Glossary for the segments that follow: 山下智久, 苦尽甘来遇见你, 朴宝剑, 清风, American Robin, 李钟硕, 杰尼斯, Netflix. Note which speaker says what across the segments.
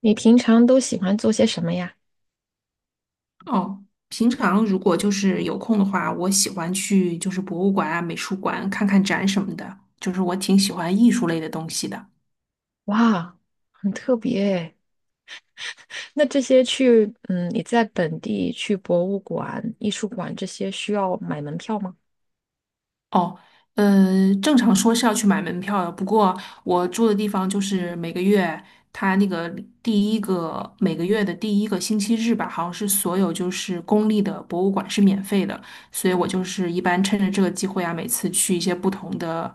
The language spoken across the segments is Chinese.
Speaker 1: 你平常都喜欢做些什么呀？
Speaker 2: 哦，平常如果就是有空的话，我喜欢去就是博物馆啊、美术馆看看展什么的，就是我挺喜欢艺术类的东西的。
Speaker 1: 哇，很特别诶。那这些去，你在本地去博物馆、艺术馆这些需要买门票吗？
Speaker 2: 哦，正常说是要去买门票的，不过我住的地方就是每个月，它那个第一个每个月的第一个星期日吧，好像是所有就是公立的博物馆是免费的，所以我就是一般趁着这个机会啊，每次去一些不同的，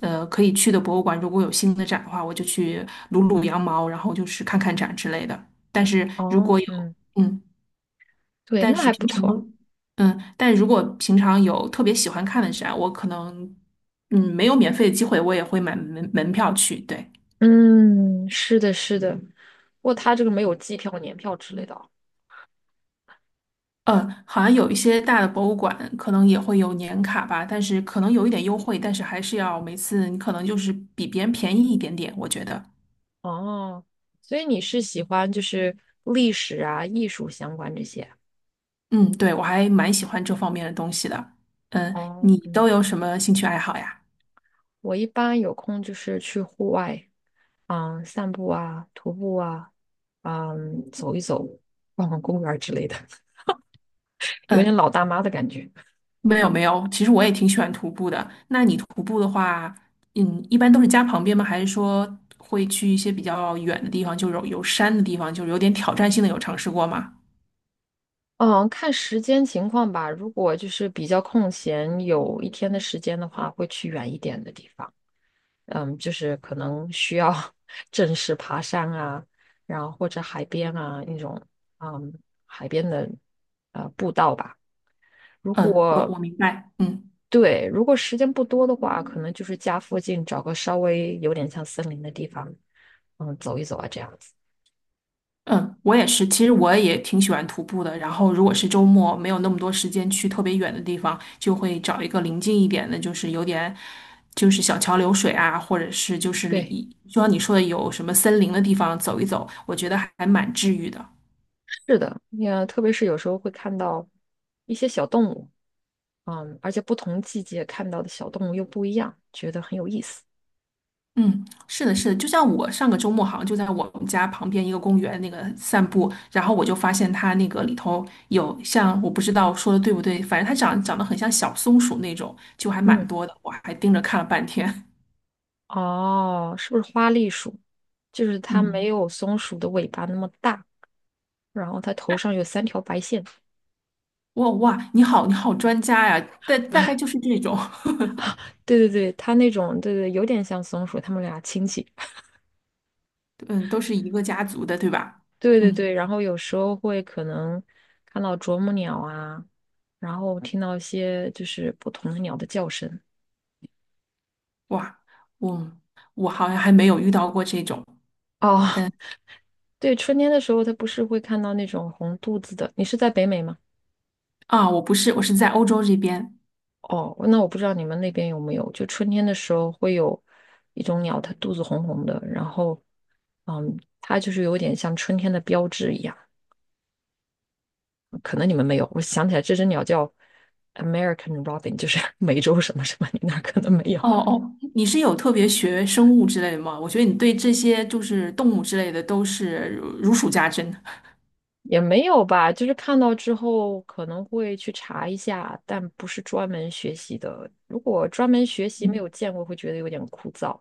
Speaker 2: 可以去的博物馆，如果有新的展的话，我就去撸撸羊毛，然后就是看看展之类的。但是如
Speaker 1: 哦，
Speaker 2: 果有，
Speaker 1: 嗯，
Speaker 2: 嗯。
Speaker 1: 对，
Speaker 2: 但
Speaker 1: 那
Speaker 2: 是
Speaker 1: 还不
Speaker 2: 平
Speaker 1: 错。
Speaker 2: 常，嗯，但如果平常有特别喜欢看的展，我可能，嗯，没有免费的机会，我也会买门票去。对，
Speaker 1: 嗯，是的，是的。不过它这个没有季票、年票之类的哦。
Speaker 2: 嗯，好像有一些大的博物馆可能也会有年卡吧，但是可能有一点优惠，但是还是要每次你可能就是比别人便宜一点点，我觉得。
Speaker 1: 哦，所以你是喜欢就是历史啊、艺术相关这些啊？
Speaker 2: 嗯，对，我还蛮喜欢这方面的东西的。嗯，
Speaker 1: 哦，
Speaker 2: 你
Speaker 1: 嗯，
Speaker 2: 都有什么兴趣爱好呀？
Speaker 1: 我一般有空就是去户外。嗯，散步啊，徒步啊，嗯，走一走，逛逛公园儿之类的，有点
Speaker 2: 嗯。
Speaker 1: 老大妈的感觉。
Speaker 2: 没有没有，其实我也挺喜欢徒步的。那你徒步的话，嗯，一般都是家旁边吗？还是说会去一些比较远的地方，就是有山的地方，就是有点挑战性的，有尝试过吗？
Speaker 1: 嗯，看时间情况吧。如果就是比较空闲，有一天的时间的话，会去远一点的地方。嗯，就是可能需要 正式爬山啊，然后或者海边啊那种，嗯，海边的步道吧。如
Speaker 2: 嗯，我
Speaker 1: 果
Speaker 2: 我明白，嗯
Speaker 1: 对，如果时间不多的话，可能就是家附近找个稍微有点像森林的地方，嗯，走一走啊，这样子。
Speaker 2: 嗯，我也是。其实我也挺喜欢徒步的。然后如果是周末没有那么多时间去特别远的地方，就会找一个临近一点的，就是有点就是小桥流水啊，或者是就是
Speaker 1: 对，
Speaker 2: 里，就像你说的有什么森林的地方走一走，我觉得还蛮治愈的。
Speaker 1: 是的，也特别是有时候会看到一些小动物，嗯，而且不同季节看到的小动物又不一样，觉得很有意思。
Speaker 2: 嗯，是的，是的，就像我上个周末好像就在我们家旁边一个公园那个散步，然后我就发现它那个里头有像我不知道说的对不对，反正它长得很像小松鼠那种，就还蛮
Speaker 1: 嗯，
Speaker 2: 多的，我还盯着看了半天。
Speaker 1: 哦，是不是花栗鼠？就是它没
Speaker 2: 嗯，
Speaker 1: 有松鼠的尾巴那么大，然后它头上有三条白线。
Speaker 2: 哇哇，你好，你好专家呀，大概就是这种，
Speaker 1: 对对对，它那种，对对，有点像松鼠，它们俩亲戚。
Speaker 2: 嗯，都是一个家族的，对吧？
Speaker 1: 对对
Speaker 2: 嗯，
Speaker 1: 对，然后有时候会可能看到啄木鸟啊，然后听到一些就是不同的鸟的叫声。
Speaker 2: 哇，我我好像还没有遇到过这种
Speaker 1: 哦，对，春天的时候它不是会看到那种红肚子的。你是在北美吗？
Speaker 2: 啊，我不是，我是在欧洲这边。
Speaker 1: 哦，那我不知道你们那边有没有，就春天的时候会有一种鸟，它肚子红红的，然后，嗯，它就是有点像春天的标志一样。可能你们没有，我想起来这只鸟叫 American Robin，就是 美洲什么什么，你那儿可能没有。
Speaker 2: 哦哦，你是有特别学生物之类的吗？我觉得你对这些就是动物之类的都是如数家珍。
Speaker 1: 也没有吧，就是看到之后可能会去查一下，但不是专门学习的。如果专门学习没
Speaker 2: 嗯，
Speaker 1: 有见过，会觉得有点枯燥。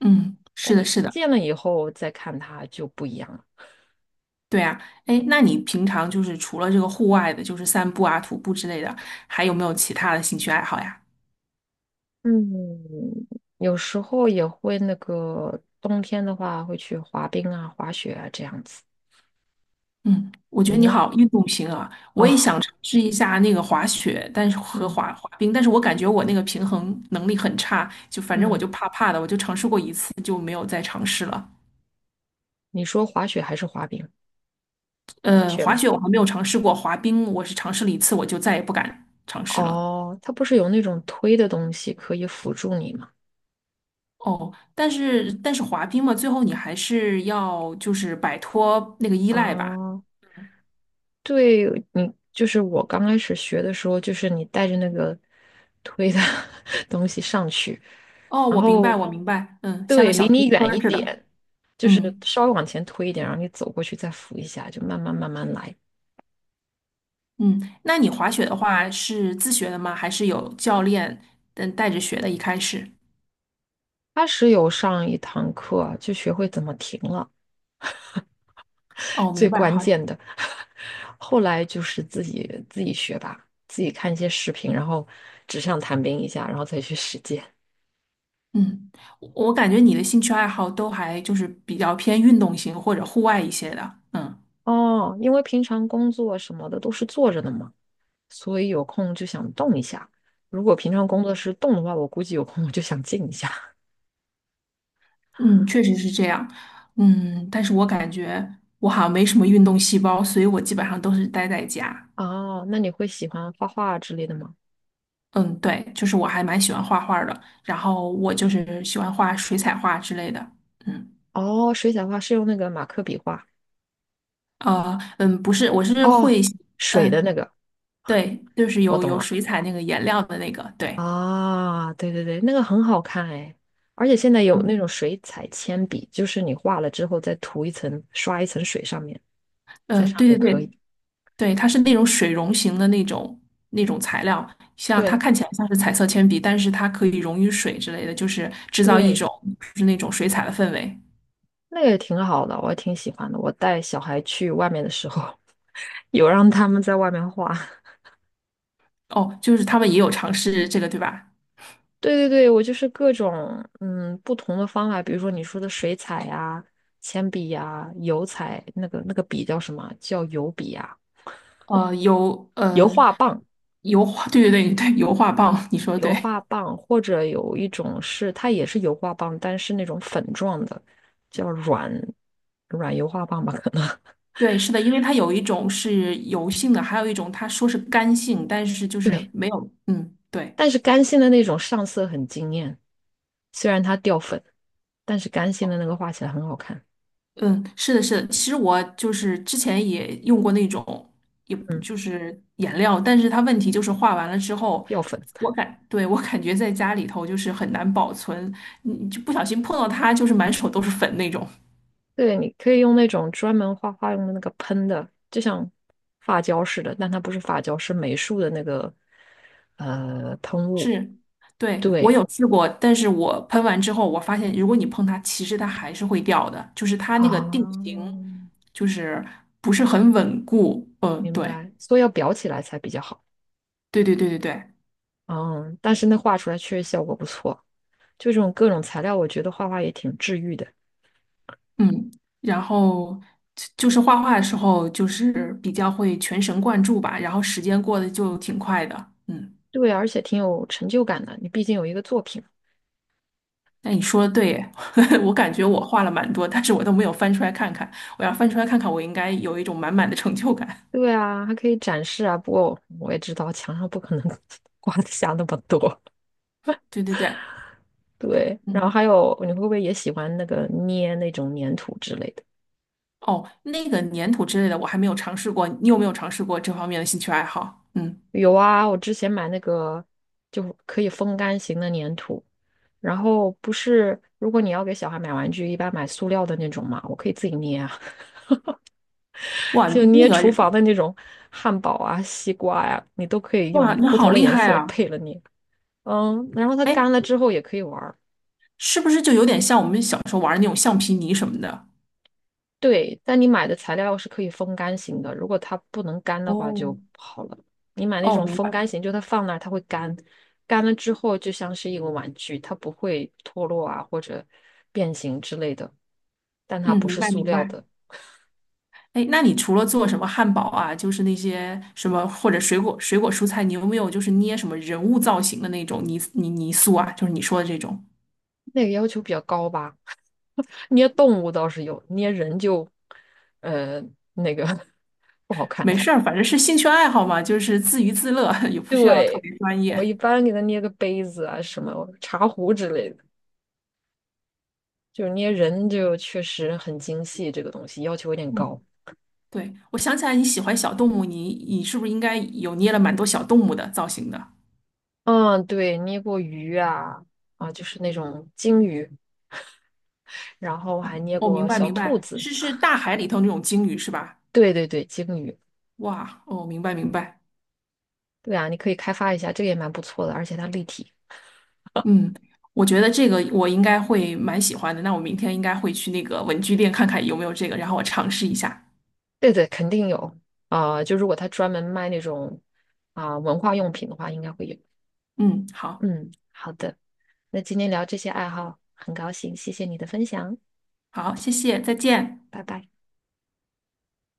Speaker 2: 嗯，
Speaker 1: 但
Speaker 2: 是的，
Speaker 1: 你
Speaker 2: 是的，
Speaker 1: 见了以后再看它就不一样了。
Speaker 2: 对啊。哎，那你平常就是除了这个户外的，就是散步啊、徒步之类的，还有没有其他的兴趣爱好呀？
Speaker 1: 嗯，有时候也会那个冬天的话会去滑冰啊、滑雪啊这样子。
Speaker 2: 嗯，我觉
Speaker 1: 你
Speaker 2: 得你
Speaker 1: 呢？
Speaker 2: 好运动型啊，我也想
Speaker 1: 哦，
Speaker 2: 尝试一下那个滑雪，但是和
Speaker 1: 嗯
Speaker 2: 滑冰，但是我感觉我那个平衡能力很差，就反正我
Speaker 1: 嗯，
Speaker 2: 就怕怕的，我就尝试过一次就没有再尝试了。
Speaker 1: 你说滑雪还是滑冰？雪
Speaker 2: 滑
Speaker 1: 吗？
Speaker 2: 雪我还没有尝试过，滑冰我是尝试了一次，我就再也不敢尝试了。
Speaker 1: 哦，它不是有那种推的东西可以辅助你吗？
Speaker 2: 哦，但是滑冰嘛，最后你还是要就是摆脱那个依赖吧。
Speaker 1: 哦。就是我刚开始学的时候，就是你带着那个推的 东西上去，
Speaker 2: 哦，
Speaker 1: 然
Speaker 2: 我明白，
Speaker 1: 后
Speaker 2: 我明白，嗯，像
Speaker 1: 对，
Speaker 2: 个
Speaker 1: 离
Speaker 2: 小推
Speaker 1: 你
Speaker 2: 车
Speaker 1: 远
Speaker 2: 儿
Speaker 1: 一
Speaker 2: 似的。
Speaker 1: 点，就是
Speaker 2: 嗯
Speaker 1: 稍微往前推一点，然后你走过去再扶一下，就慢慢慢慢来。
Speaker 2: 嗯，那你滑雪的话是自学的吗？还是有教练嗯带着学的？一开始？
Speaker 1: 他是有上一堂课啊，就学会怎么停了，
Speaker 2: 哦，
Speaker 1: 最
Speaker 2: 明白，
Speaker 1: 关
Speaker 2: 好，
Speaker 1: 键的。后来就是自己学吧，自己看一些视频，然后纸上谈兵一下，然后再去实践。
Speaker 2: 嗯，我感觉你的兴趣爱好都还就是比较偏运动型或者户外一些的。嗯。
Speaker 1: 哦，因为平常工作什么的都是坐着的嘛，所以有空就想动一下。如果平常工作是动的话，我估计有空我就想静一下。
Speaker 2: 嗯，确实是这样。嗯，但是我感觉我好像没什么运动细胞，所以我基本上都是待在家。
Speaker 1: 哦，那你会喜欢画画之类的吗？
Speaker 2: 嗯，对，就是我还蛮喜欢画画儿的，然后我就是喜欢画水彩画之类的。嗯，
Speaker 1: 哦，水彩画是用那个马克笔画。
Speaker 2: 嗯，不是，我是
Speaker 1: 哦，
Speaker 2: 会，
Speaker 1: 水的那
Speaker 2: 嗯，
Speaker 1: 个，
Speaker 2: 对，就是
Speaker 1: 我
Speaker 2: 有
Speaker 1: 懂
Speaker 2: 有
Speaker 1: 了。
Speaker 2: 水彩那个颜料的那个，对，
Speaker 1: 啊，对对对，那个很好看哎，而且现在有那
Speaker 2: 嗯，
Speaker 1: 种水彩铅笔，就是你画了之后再涂一层，刷一层水上面，在上
Speaker 2: 对
Speaker 1: 面也
Speaker 2: 对
Speaker 1: 可
Speaker 2: 对，
Speaker 1: 以。
Speaker 2: 对，它是那种水溶型的那种那种材料，像它
Speaker 1: 对
Speaker 2: 看起来像是彩色铅笔，但是它可以溶于水之类的，就是制造一
Speaker 1: 对，
Speaker 2: 种就是那种水彩的氛围。
Speaker 1: 那个也挺好的，我也挺喜欢的。我带小孩去外面的时候，有让他们在外面画。
Speaker 2: 哦，就是他们也有尝试这个，对吧？
Speaker 1: 对对对，我就是各种不同的方法，比如说你说的水彩呀、铅笔呀、油彩，那个笔叫什么？叫油笔呀、
Speaker 2: 呃，油
Speaker 1: 油
Speaker 2: 呃
Speaker 1: 画棒、
Speaker 2: 油画，对对对对，油画棒，你说的
Speaker 1: 油
Speaker 2: 对。
Speaker 1: 画棒，或者有一种是它也是油画棒，但是那种粉状的，叫软油画棒吧，可能。
Speaker 2: 对，是的，因为它有一种是油性的，还有一种它说是干性，但是就是
Speaker 1: 对，
Speaker 2: 没有，嗯，对。
Speaker 1: 但是干性的那种上色很惊艳，虽然它掉粉，但是干性
Speaker 2: 哦
Speaker 1: 的那个画起来很好看。
Speaker 2: 嗯，是的，是的。其实我就是之前也用过那种，也不
Speaker 1: 嗯，
Speaker 2: 就是颜料，但是它问题就是画完了之后，
Speaker 1: 掉粉，
Speaker 2: 对，我感觉在家里头就是很难保存，你就不小心碰到它，就是满手都是粉那种。
Speaker 1: 对，你可以用那种专门画画用的那个喷的，就像发胶似的，但它不是发胶，是美术的那个喷雾。
Speaker 2: 是，对，我
Speaker 1: 对
Speaker 2: 有试过，但是我喷完之后，我发现如果你碰它，其实它还是会掉的，就是它那个定型
Speaker 1: 啊，
Speaker 2: 就是不是很稳固。嗯，
Speaker 1: 明
Speaker 2: 对，
Speaker 1: 白，所以要裱起来才比较好。
Speaker 2: 对对对对对。
Speaker 1: 嗯，但是那画出来确实效果不错，就这种各种材料，我觉得画画也挺治愈的。
Speaker 2: 嗯，然后就是画画的时候，就是比较会全神贯注吧，然后时间过得就挺快的。嗯，
Speaker 1: 对，而且挺有成就感的，你毕竟有一个作品。
Speaker 2: 那你说的对耶，我感觉我画了蛮多，但是我都没有翻出来看看。我要翻出来看看，我应该有一种满满的成就感。
Speaker 1: 对啊，还可以展示啊。不过我也知道墙上不可能 挂得下那么多。
Speaker 2: 对对对，
Speaker 1: 对，然后还
Speaker 2: 嗯，
Speaker 1: 有，你会不会也喜欢那个捏那种粘土之类的？
Speaker 2: 哦，那个粘土之类的我还没有尝试过，你有没有尝试过这方面的兴趣爱好？嗯，
Speaker 1: 有啊，我之前买那个就可以风干型的粘土，然后不是，如果你要给小孩买玩具，一般买塑料的那种嘛，我可以自己捏啊，
Speaker 2: 哇，
Speaker 1: 就
Speaker 2: 那
Speaker 1: 捏
Speaker 2: 个，
Speaker 1: 厨房的那种汉堡啊、西瓜呀、你都可以
Speaker 2: 哇，
Speaker 1: 用
Speaker 2: 你
Speaker 1: 不
Speaker 2: 好
Speaker 1: 同的
Speaker 2: 厉
Speaker 1: 颜
Speaker 2: 害
Speaker 1: 色
Speaker 2: 啊！
Speaker 1: 配了捏。嗯，然后它干
Speaker 2: 哎，
Speaker 1: 了之后也可以玩
Speaker 2: 是不是就有点像我们小时候玩的那种橡皮泥什么的？
Speaker 1: 对，但你买的材料是可以风干型的，如果它不能干的话
Speaker 2: 哦，
Speaker 1: 就不好了。你买那
Speaker 2: 哦，
Speaker 1: 种
Speaker 2: 明
Speaker 1: 风干
Speaker 2: 白。
Speaker 1: 型，就它放那儿它会干，干了之后就像是一个玩具，它不会脱落啊或者变形之类的，但它
Speaker 2: 嗯，
Speaker 1: 不
Speaker 2: 明
Speaker 1: 是
Speaker 2: 白
Speaker 1: 塑
Speaker 2: 明
Speaker 1: 料
Speaker 2: 白。
Speaker 1: 的，
Speaker 2: 哎，那你除了做什么汉堡啊，就是那些什么或者水果、水果蔬菜，你有没有就是捏什么人物造型的那种泥塑啊？就是你说的这种。
Speaker 1: 那个要求比较高吧。捏动物倒是有，捏人就呃那个 不好看。
Speaker 2: 没事儿，反正是兴趣爱好嘛，就是自娱自乐，也不需要特
Speaker 1: 对，
Speaker 2: 别专
Speaker 1: 我一
Speaker 2: 业。
Speaker 1: 般给它捏个杯子啊什么茶壶之类的。就是捏人就确实很精细，这个东西要求有点
Speaker 2: 嗯，
Speaker 1: 高。
Speaker 2: 对，我想起来你喜欢小动物，你是不是应该有捏了蛮多小动物的造型的？
Speaker 1: 嗯，对，捏过鱼啊，啊，就是那种鲸鱼，然后还捏
Speaker 2: 哦，明
Speaker 1: 过
Speaker 2: 白
Speaker 1: 小
Speaker 2: 明
Speaker 1: 兔
Speaker 2: 白，
Speaker 1: 子。
Speaker 2: 是是大海里头那种鲸鱼是吧？
Speaker 1: 对对对，鲸鱼，
Speaker 2: 哇，哦，明白明白。
Speaker 1: 对啊，你可以开发一下，这个也蛮不错的，而且它立体。
Speaker 2: 嗯，我觉得这个我应该会蛮喜欢的。那我明天应该会去那个文具店看看有没有这个，然后我尝试一下。
Speaker 1: 对对，肯定有啊，就如果他专门卖那种文化用品的话，应该会有。
Speaker 2: 嗯，好，
Speaker 1: 嗯，好的，那今天聊这些爱好，很高兴，谢谢你的分享，
Speaker 2: 好，谢谢，再见。
Speaker 1: 拜拜。